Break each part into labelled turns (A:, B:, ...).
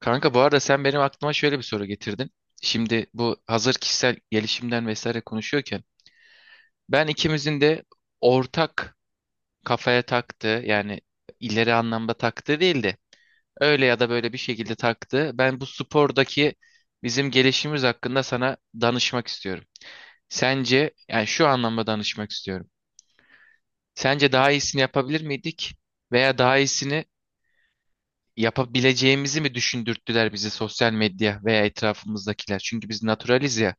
A: Kanka bu arada sen benim aklıma şöyle bir soru getirdin. Şimdi bu hazır kişisel gelişimden vesaire konuşuyorken ben ikimizin de ortak kafaya taktığı yani ileri anlamda taktığı değil de öyle ya da böyle bir şekilde taktığı ben bu spordaki bizim gelişimimiz hakkında sana danışmak istiyorum. Sence yani şu anlamda danışmak istiyorum. Sence daha iyisini yapabilir miydik veya daha iyisini yapabileceğimizi mi düşündürttüler bizi sosyal medya veya etrafımızdakiler? Çünkü biz naturaliz ya.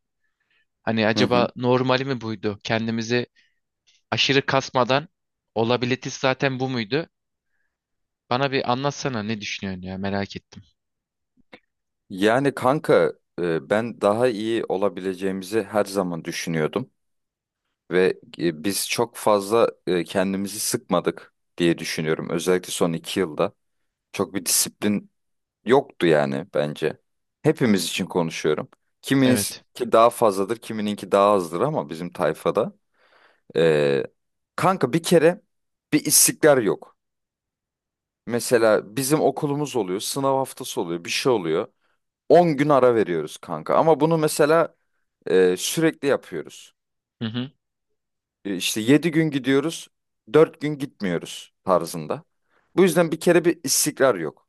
A: Hani
B: Hı
A: acaba
B: hı.
A: normali mi buydu? Kendimizi aşırı kasmadan olabilitesi zaten bu muydu? Bana bir anlatsana ne düşünüyorsun ya merak ettim.
B: Yani kanka ben daha iyi olabileceğimizi her zaman düşünüyordum ve biz çok fazla kendimizi sıkmadık diye düşünüyorum. Özellikle son 2 yılda çok bir disiplin yoktu yani bence. Hepimiz için konuşuyorum. Kimininki
A: Evet.
B: daha fazladır, kimininki daha azdır ama bizim tayfada. e, kanka bir kere bir istikrar yok. Mesela bizim okulumuz oluyor, sınav haftası oluyor, bir şey oluyor. 10 gün ara veriyoruz kanka. Ama bunu mesela sürekli yapıyoruz.
A: Hı hı.
B: İşte 7 gün gidiyoruz, 4 gün gitmiyoruz tarzında. Bu yüzden bir kere bir istikrar yok.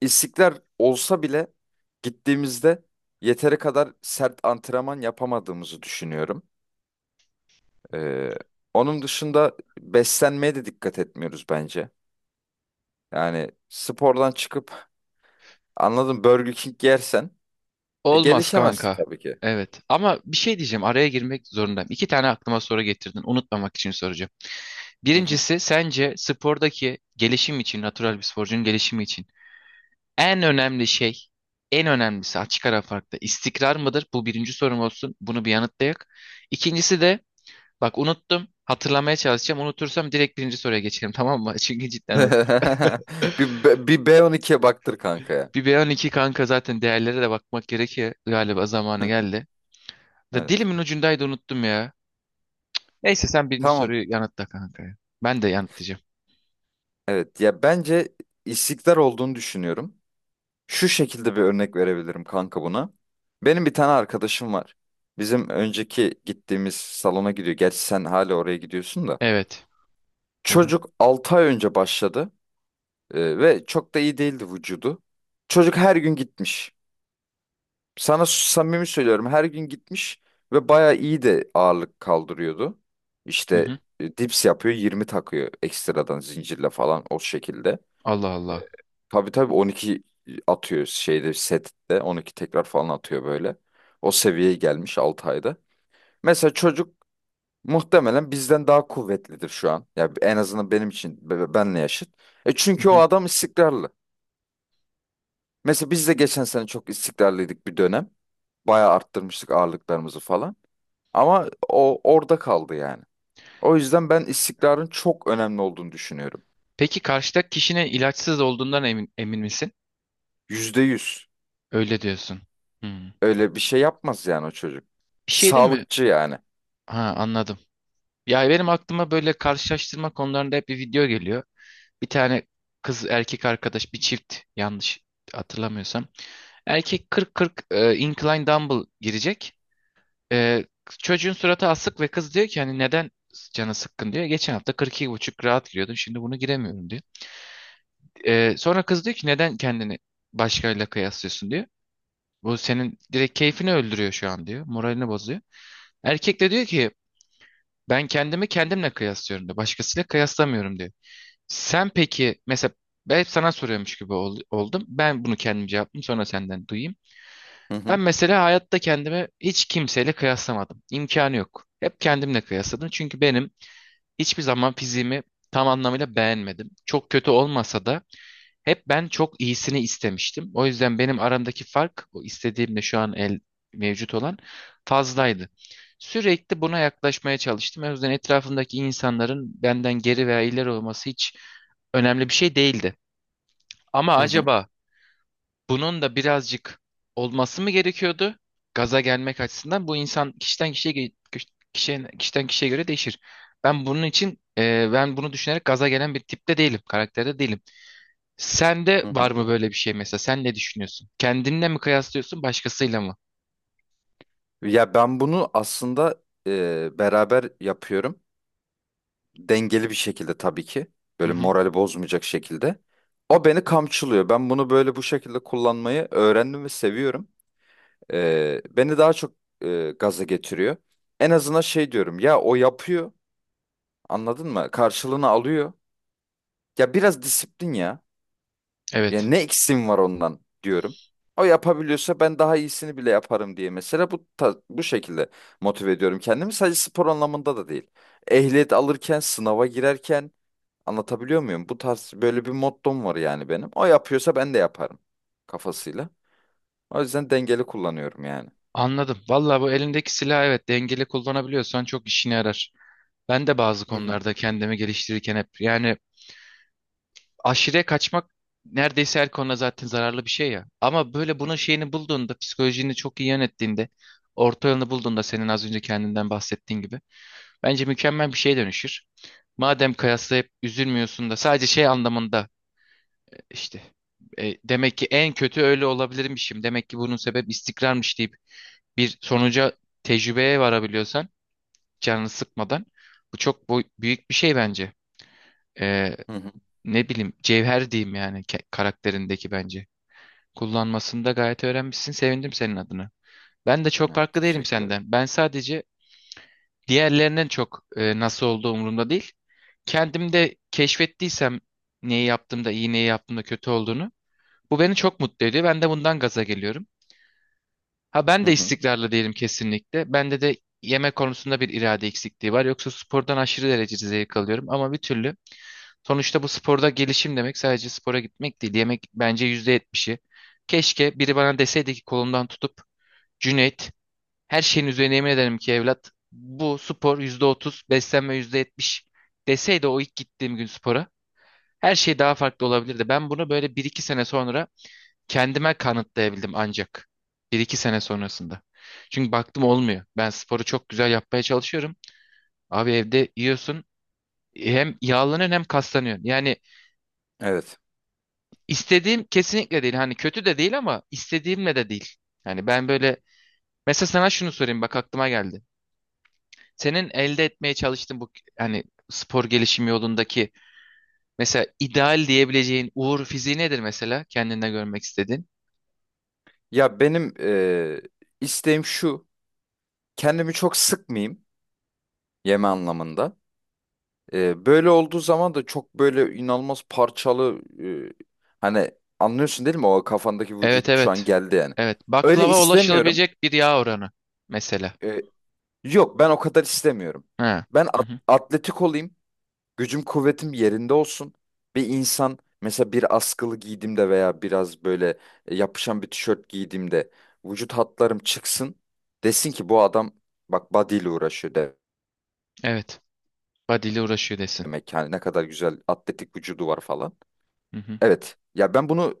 B: İstikrar olsa bile gittiğimizde yeteri kadar sert antrenman yapamadığımızı düşünüyorum. E, onun dışında beslenmeye de dikkat etmiyoruz bence. Yani spordan çıkıp anladım Burger King yersen
A: Olmaz
B: gelişemezsin
A: kanka.
B: tabii ki.
A: Evet ama bir şey diyeceğim araya girmek zorundayım. İki tane aklıma soru getirdin unutmamak için soracağım.
B: Hı.
A: Birincisi sence spordaki gelişim için natural bir sporcunun gelişimi için en önemli şey en önemlisi açık ara farklı istikrar mıdır? Bu birinci sorum olsun bunu bir yanıtlayak. İkincisi de bak unuttum. Hatırlamaya çalışacağım. Unutursam direkt birinci soruya geçelim, tamam mı? Çünkü cidden unuttum.
B: Bir B12'ye baktır kanka ya.
A: Bir B12 kanka zaten değerlere de bakmak gerekiyor. Galiba zamanı geldi. Da
B: Evet.
A: dilimin ucundaydı unuttum ya. Neyse sen birinci
B: Tamam.
A: soruyu yanıtla kanka ya. Ben de yanıtlayacağım.
B: Evet ya bence istikrar olduğunu düşünüyorum. Şu şekilde bir örnek verebilirim kanka buna. Benim bir tane arkadaşım var. Bizim önceki gittiğimiz salona gidiyor. Gerçi sen hala oraya gidiyorsun da.
A: Evet. Hı hı.
B: Çocuk 6 ay önce başladı ve çok da iyi değildi vücudu. Çocuk her gün gitmiş. Sana samimi söylüyorum her gün gitmiş ve bayağı iyi de ağırlık kaldırıyordu.
A: Hı
B: İşte
A: hı.
B: dips yapıyor 20 takıyor ekstradan zincirle falan o şekilde.
A: Allah Allah.
B: Tabii tabii 12 atıyor şeyde sette 12 tekrar falan atıyor böyle. O seviyeye gelmiş 6 ayda. Mesela çocuk muhtemelen bizden daha kuvvetlidir şu an. Ya en azından benim için benle yaşıt. E
A: Hı
B: çünkü o
A: hı.
B: adam istikrarlı. Mesela biz de geçen sene çok istikrarlıydık bir dönem. Bayağı arttırmıştık ağırlıklarımızı falan. Ama o orada kaldı yani. O yüzden ben istikrarın çok önemli olduğunu düşünüyorum.
A: Peki karşıdaki kişinin ilaçsız olduğundan emin misin?
B: Yüzde yüz.
A: Öyle diyorsun. Hmm.
B: Öyle bir şey yapmaz yani o çocuk.
A: Bir
B: Ki
A: şey değil mi?
B: sağlıkçı yani.
A: Ha, anladım. Ya benim aklıma böyle karşılaştırma konularında hep bir video geliyor. Bir tane kız erkek arkadaş bir çift, yanlış hatırlamıyorsam. Erkek 40-40 incline dumbbell girecek. E, Çocuğun suratı asık ve kız diyor ki hani neden canı sıkkın diyor. Geçen hafta 42,5 rahat giriyordum şimdi bunu giremiyorum diyor. Sonra kız diyor ki neden kendini başkalarıyla kıyaslıyorsun diyor. Bu senin direkt keyfini öldürüyor şu an diyor. Moralini bozuyor. Erkek de diyor ki ben kendimi kendimle kıyaslıyorum diyor. Başkasıyla kıyaslamıyorum diyor. Sen peki mesela ben hep sana soruyormuş gibi oldum. Ben bunu kendim cevapladım sonra senden duyayım.
B: Hı
A: Ben
B: hı,
A: mesela hayatta kendimi hiç kimseyle kıyaslamadım. İmkanı yok. Hep kendimle kıyasladım. Çünkü benim hiçbir zaman fiziğimi tam anlamıyla beğenmedim. Çok kötü olmasa da hep ben çok iyisini istemiştim. O yüzden benim aramdaki fark o istediğimle şu an el mevcut olan fazlaydı. Sürekli buna yaklaşmaya çalıştım. O yüzden etrafımdaki insanların benden geri veya ileri olması hiç önemli bir şey değildi. Ama
B: hı hı,
A: acaba bunun da birazcık olması mı gerekiyordu? Gaza gelmek açısından bu insan kişiden kişiye ge- kişi- kişiden kişiden kişiye göre değişir. Ben bunun için ben bunu düşünerek gaza gelen bir tipte değilim, karakterde değilim. Sende
B: hı
A: var
B: hı.
A: mı böyle bir şey mesela? Sen ne düşünüyorsun? Kendinle mi kıyaslıyorsun, başkasıyla mı?
B: Ya ben bunu aslında beraber yapıyorum. Dengeli bir şekilde tabii ki.
A: Hı
B: Böyle
A: hı.
B: morali bozmayacak şekilde. O beni kamçılıyor. Ben bunu böyle bu şekilde kullanmayı öğrendim ve seviyorum. Beni daha çok gaza getiriyor. En azından şey diyorum ya o yapıyor. Anladın mı? Karşılığını alıyor. Ya biraz disiplin ya. Ya
A: Evet.
B: ne eksiğim var ondan diyorum. O yapabiliyorsa ben daha iyisini bile yaparım diye mesela bu şekilde motive ediyorum kendimi. Sadece spor anlamında da değil. Ehliyet alırken, sınava girerken anlatabiliyor muyum? Bu tarz böyle bir mottom var yani benim. O yapıyorsa ben de yaparım kafasıyla. O yüzden dengeli kullanıyorum yani.
A: Anladım. Vallahi bu elindeki silah, evet, dengeli kullanabiliyorsan çok işine yarar. Ben de bazı
B: Hı hı.
A: konularda kendimi geliştirirken hep yani aşırıya kaçmak neredeyse her konuda zaten zararlı bir şey ya. Ama böyle bunun şeyini bulduğunda, psikolojini çok iyi yönettiğinde, orta yolunu bulduğunda, senin az önce kendinden bahsettiğin gibi bence mükemmel bir şeye dönüşür. Madem kıyaslayıp üzülmüyorsun da sadece şey anlamında İşte demek ki en kötü öyle olabilirmişim. Demek ki bunun sebep istikrarmış deyip bir sonuca, tecrübeye varabiliyorsan canını sıkmadan bu çok büyük bir şey bence. E,
B: Hı hı.
A: Ne bileyim cevher diyeyim yani karakterindeki bence. Kullanmasını da gayet öğrenmişsin. Sevindim senin adına. Ben de çok
B: Evet,
A: farklı değilim
B: teşekkür ederim.
A: senden. Ben sadece diğerlerinden çok nasıl olduğu umurumda değil. Kendimde keşfettiysem neyi yaptığımda iyi neyi yaptığımda kötü olduğunu, bu beni çok mutlu ediyor. Ben de bundan gaza geliyorum. Ha ben
B: Hı
A: de
B: hı.
A: istikrarlı değilim kesinlikle. Bende de yemek konusunda bir irade eksikliği var. Yoksa spordan aşırı derecede zevk alıyorum ama bir türlü. Sonuçta bu sporda gelişim demek sadece spora gitmek değil. Yemek bence %70'i. Keşke biri bana deseydi ki kolumdan tutup Cüneyt, her şeyin üzerine yemin ederim ki evlat, bu spor %30, beslenme %70 deseydi, o ilk gittiğim gün spora her şey daha farklı olabilirdi. Ben bunu böyle bir iki sene sonra kendime kanıtlayabildim ancak. Bir iki sene sonrasında. Çünkü baktım olmuyor. Ben sporu çok güzel yapmaya çalışıyorum. Abi evde yiyorsun hem yağlanıyorsun hem kaslanıyorsun. Yani
B: Evet.
A: istediğim kesinlikle değil. Hani kötü de değil ama istediğimle de değil. Yani ben böyle mesela sana şunu sorayım bak aklıma geldi. Senin elde etmeye çalıştığın bu hani spor gelişimi yolundaki mesela ideal diyebileceğin uğur fiziği nedir mesela kendinde görmek istediğin?
B: Ya benim isteğim şu. Kendimi çok sıkmayayım. Yeme anlamında. Böyle olduğu zaman da çok böyle inanılmaz parçalı hani anlıyorsun değil mi? O kafandaki
A: Evet
B: vücut şu an
A: evet.
B: geldi yani.
A: Evet.
B: Öyle
A: Baklava
B: istemiyorum.
A: ulaşılabilecek bir yağ oranı mesela.
B: Ee, yok, ben o kadar istemiyorum.
A: Ha.
B: Ben
A: Hı hı.
B: atletik olayım. Gücüm kuvvetim yerinde olsun. Bir insan mesela bir askılı giydiğimde veya biraz böyle yapışan bir tişört giydiğimde vücut hatlarım çıksın. Desin ki bu adam bak body ile uğraşıyor
A: Evet. Badili uğraşıyor desin.
B: demek. Yani ne kadar güzel atletik vücudu var falan.
A: Hı hı.
B: Evet. Ya ben bunu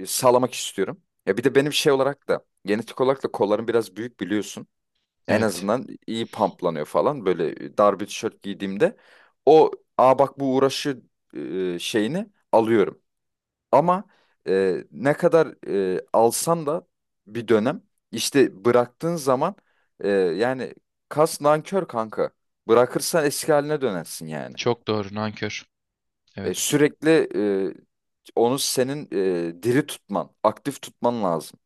B: sağlamak istiyorum. Ya bir de benim şey olarak da genetik olarak da kollarım biraz büyük biliyorsun. En
A: Evet.
B: azından iyi pamplanıyor falan. Böyle dar bir tişört giydiğimde o aa bak bu uğraşı şeyini alıyorum. Ama ne kadar alsan da bir dönem işte bıraktığın zaman yani kas nankör kanka. Bırakırsan eski haline dönersin yani.
A: Çok doğru nankör.
B: E,
A: Evet.
B: sürekli e, onu senin diri tutman, aktif tutman lazım.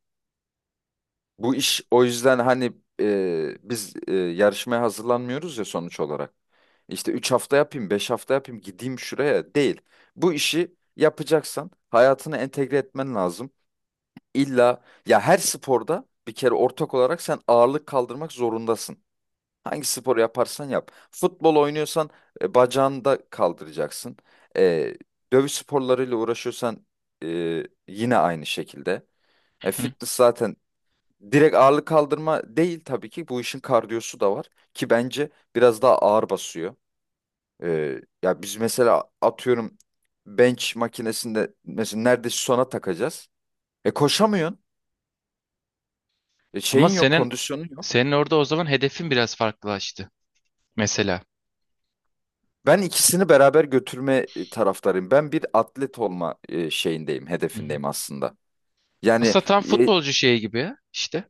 B: Bu iş o yüzden hani biz yarışmaya hazırlanmıyoruz ya sonuç olarak. İşte 3 hafta yapayım, 5 hafta yapayım, gideyim şuraya değil. Bu işi yapacaksan hayatına entegre etmen lazım. İlla ya her sporda bir kere ortak olarak sen ağırlık kaldırmak zorundasın. Hangi sporu yaparsan yap. Futbol oynuyorsan bacağını da kaldıracaksın. E, dövüş sporlarıyla uğraşıyorsan yine aynı şekilde. E,
A: Hı hı.
B: fitness zaten direkt ağırlık kaldırma değil tabii ki. Bu işin kardiyosu da var ki bence biraz daha ağır basıyor. Ya biz mesela atıyorum bench makinesinde mesela neredeyse sona takacağız. Koşamıyorsun. E,
A: Ama
B: şeyin yok,
A: senin
B: kondisyonun yok.
A: senin orada o zaman hedefin biraz farklılaştı mesela.
B: Ben ikisini beraber götürme taraftarıyım. Ben bir atlet olma şeyindeyim,
A: Hı hı.
B: hedefindeyim aslında. Yani
A: Aslında tam
B: e,
A: futbolcu şeyi gibi ya, işte.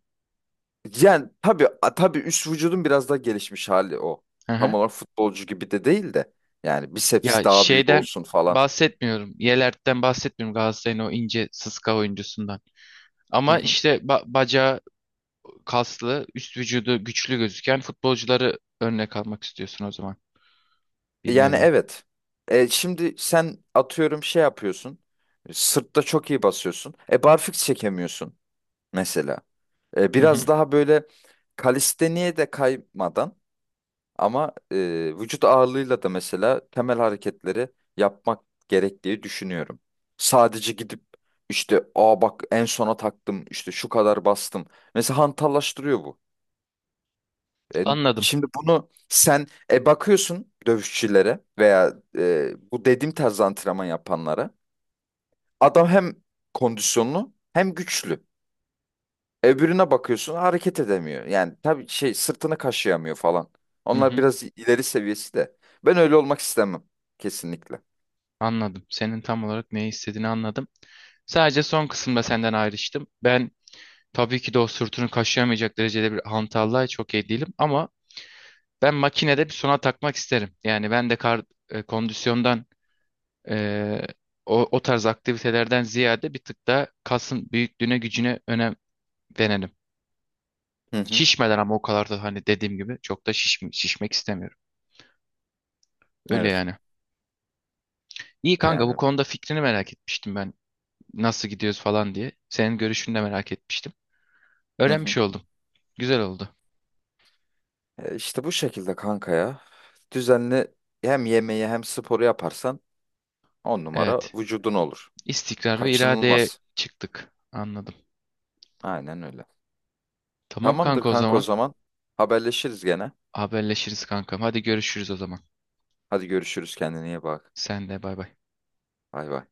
B: yani tabii üst vücudun biraz daha gelişmiş hali o.
A: Hı
B: Tam
A: hı.
B: olarak futbolcu gibi de değil de yani
A: Ya
B: biceps daha büyük
A: şeyden
B: olsun falan.
A: bahsetmiyorum. Yelert'ten bahsetmiyorum. Galatasaray'ın o ince sıska oyuncusundan.
B: Hı
A: Ama
B: hı.
A: işte bacağı kaslı, üst vücudu güçlü gözüken futbolcuları örnek almak istiyorsun o zaman bir
B: Yani
A: nevi.
B: evet. Şimdi sen atıyorum şey yapıyorsun. Sırtta çok iyi basıyorsun. Barfiks çekemiyorsun mesela. E,
A: Hı hı.
B: biraz daha böyle kalisteniye de kaymadan ama vücut ağırlığıyla da mesela temel hareketleri yapmak gerektiği düşünüyorum. Sadece gidip işte aa bak en sona taktım işte şu kadar bastım. Mesela hantallaştırıyor bu. E,
A: Anladım.
B: şimdi bunu sen bakıyorsun dövüşçülere veya bu dediğim tarz antrenman yapanlara. Adam hem kondisyonlu hem güçlü. Öbürüne bakıyorsun hareket edemiyor. Yani tabii şey sırtını kaşıyamıyor falan.
A: Hı
B: Onlar
A: hı.
B: biraz ileri seviyesi de. Ben öyle olmak istemem. Kesinlikle.
A: Anladım. Senin tam olarak ne istediğini anladım. Sadece son kısımda senden ayrıştım. Ben tabii ki de o sırtını kaşıyamayacak derecede bir hantallığa çok iyi değilim ama ben makinede bir sona takmak isterim. Yani ben de kondisyondan Ee, o, o tarz aktivitelerden ziyade bir tık da kasın büyüklüğüne gücüne önem verelim.
B: Hı hı.
A: Şişmeden ama o kadar da hani dediğim gibi çok da şişmek istemiyorum. Öyle
B: Evet.
A: yani. İyi kanka bu
B: Yani
A: konuda fikrini merak etmiştim ben. Nasıl gidiyoruz falan diye. Senin görüşünü de merak etmiştim.
B: hı hı.
A: Öğrenmiş oldum. Güzel oldu.
B: E, işte bu şekilde kanka ya. Düzenli hem yemeği hem sporu yaparsan on numara
A: Evet.
B: vücudun olur.
A: İstikrar ve iradeye
B: Kaçınılmaz.
A: çıktık. Anladım.
B: Aynen öyle.
A: Tamam
B: Tamamdır
A: kanka o
B: kanka o
A: zaman.
B: zaman. Haberleşiriz gene.
A: Haberleşiriz kankam. Hadi görüşürüz o zaman.
B: Hadi görüşürüz kendine iyi bak.
A: Sen de bay bay.
B: Bay bay.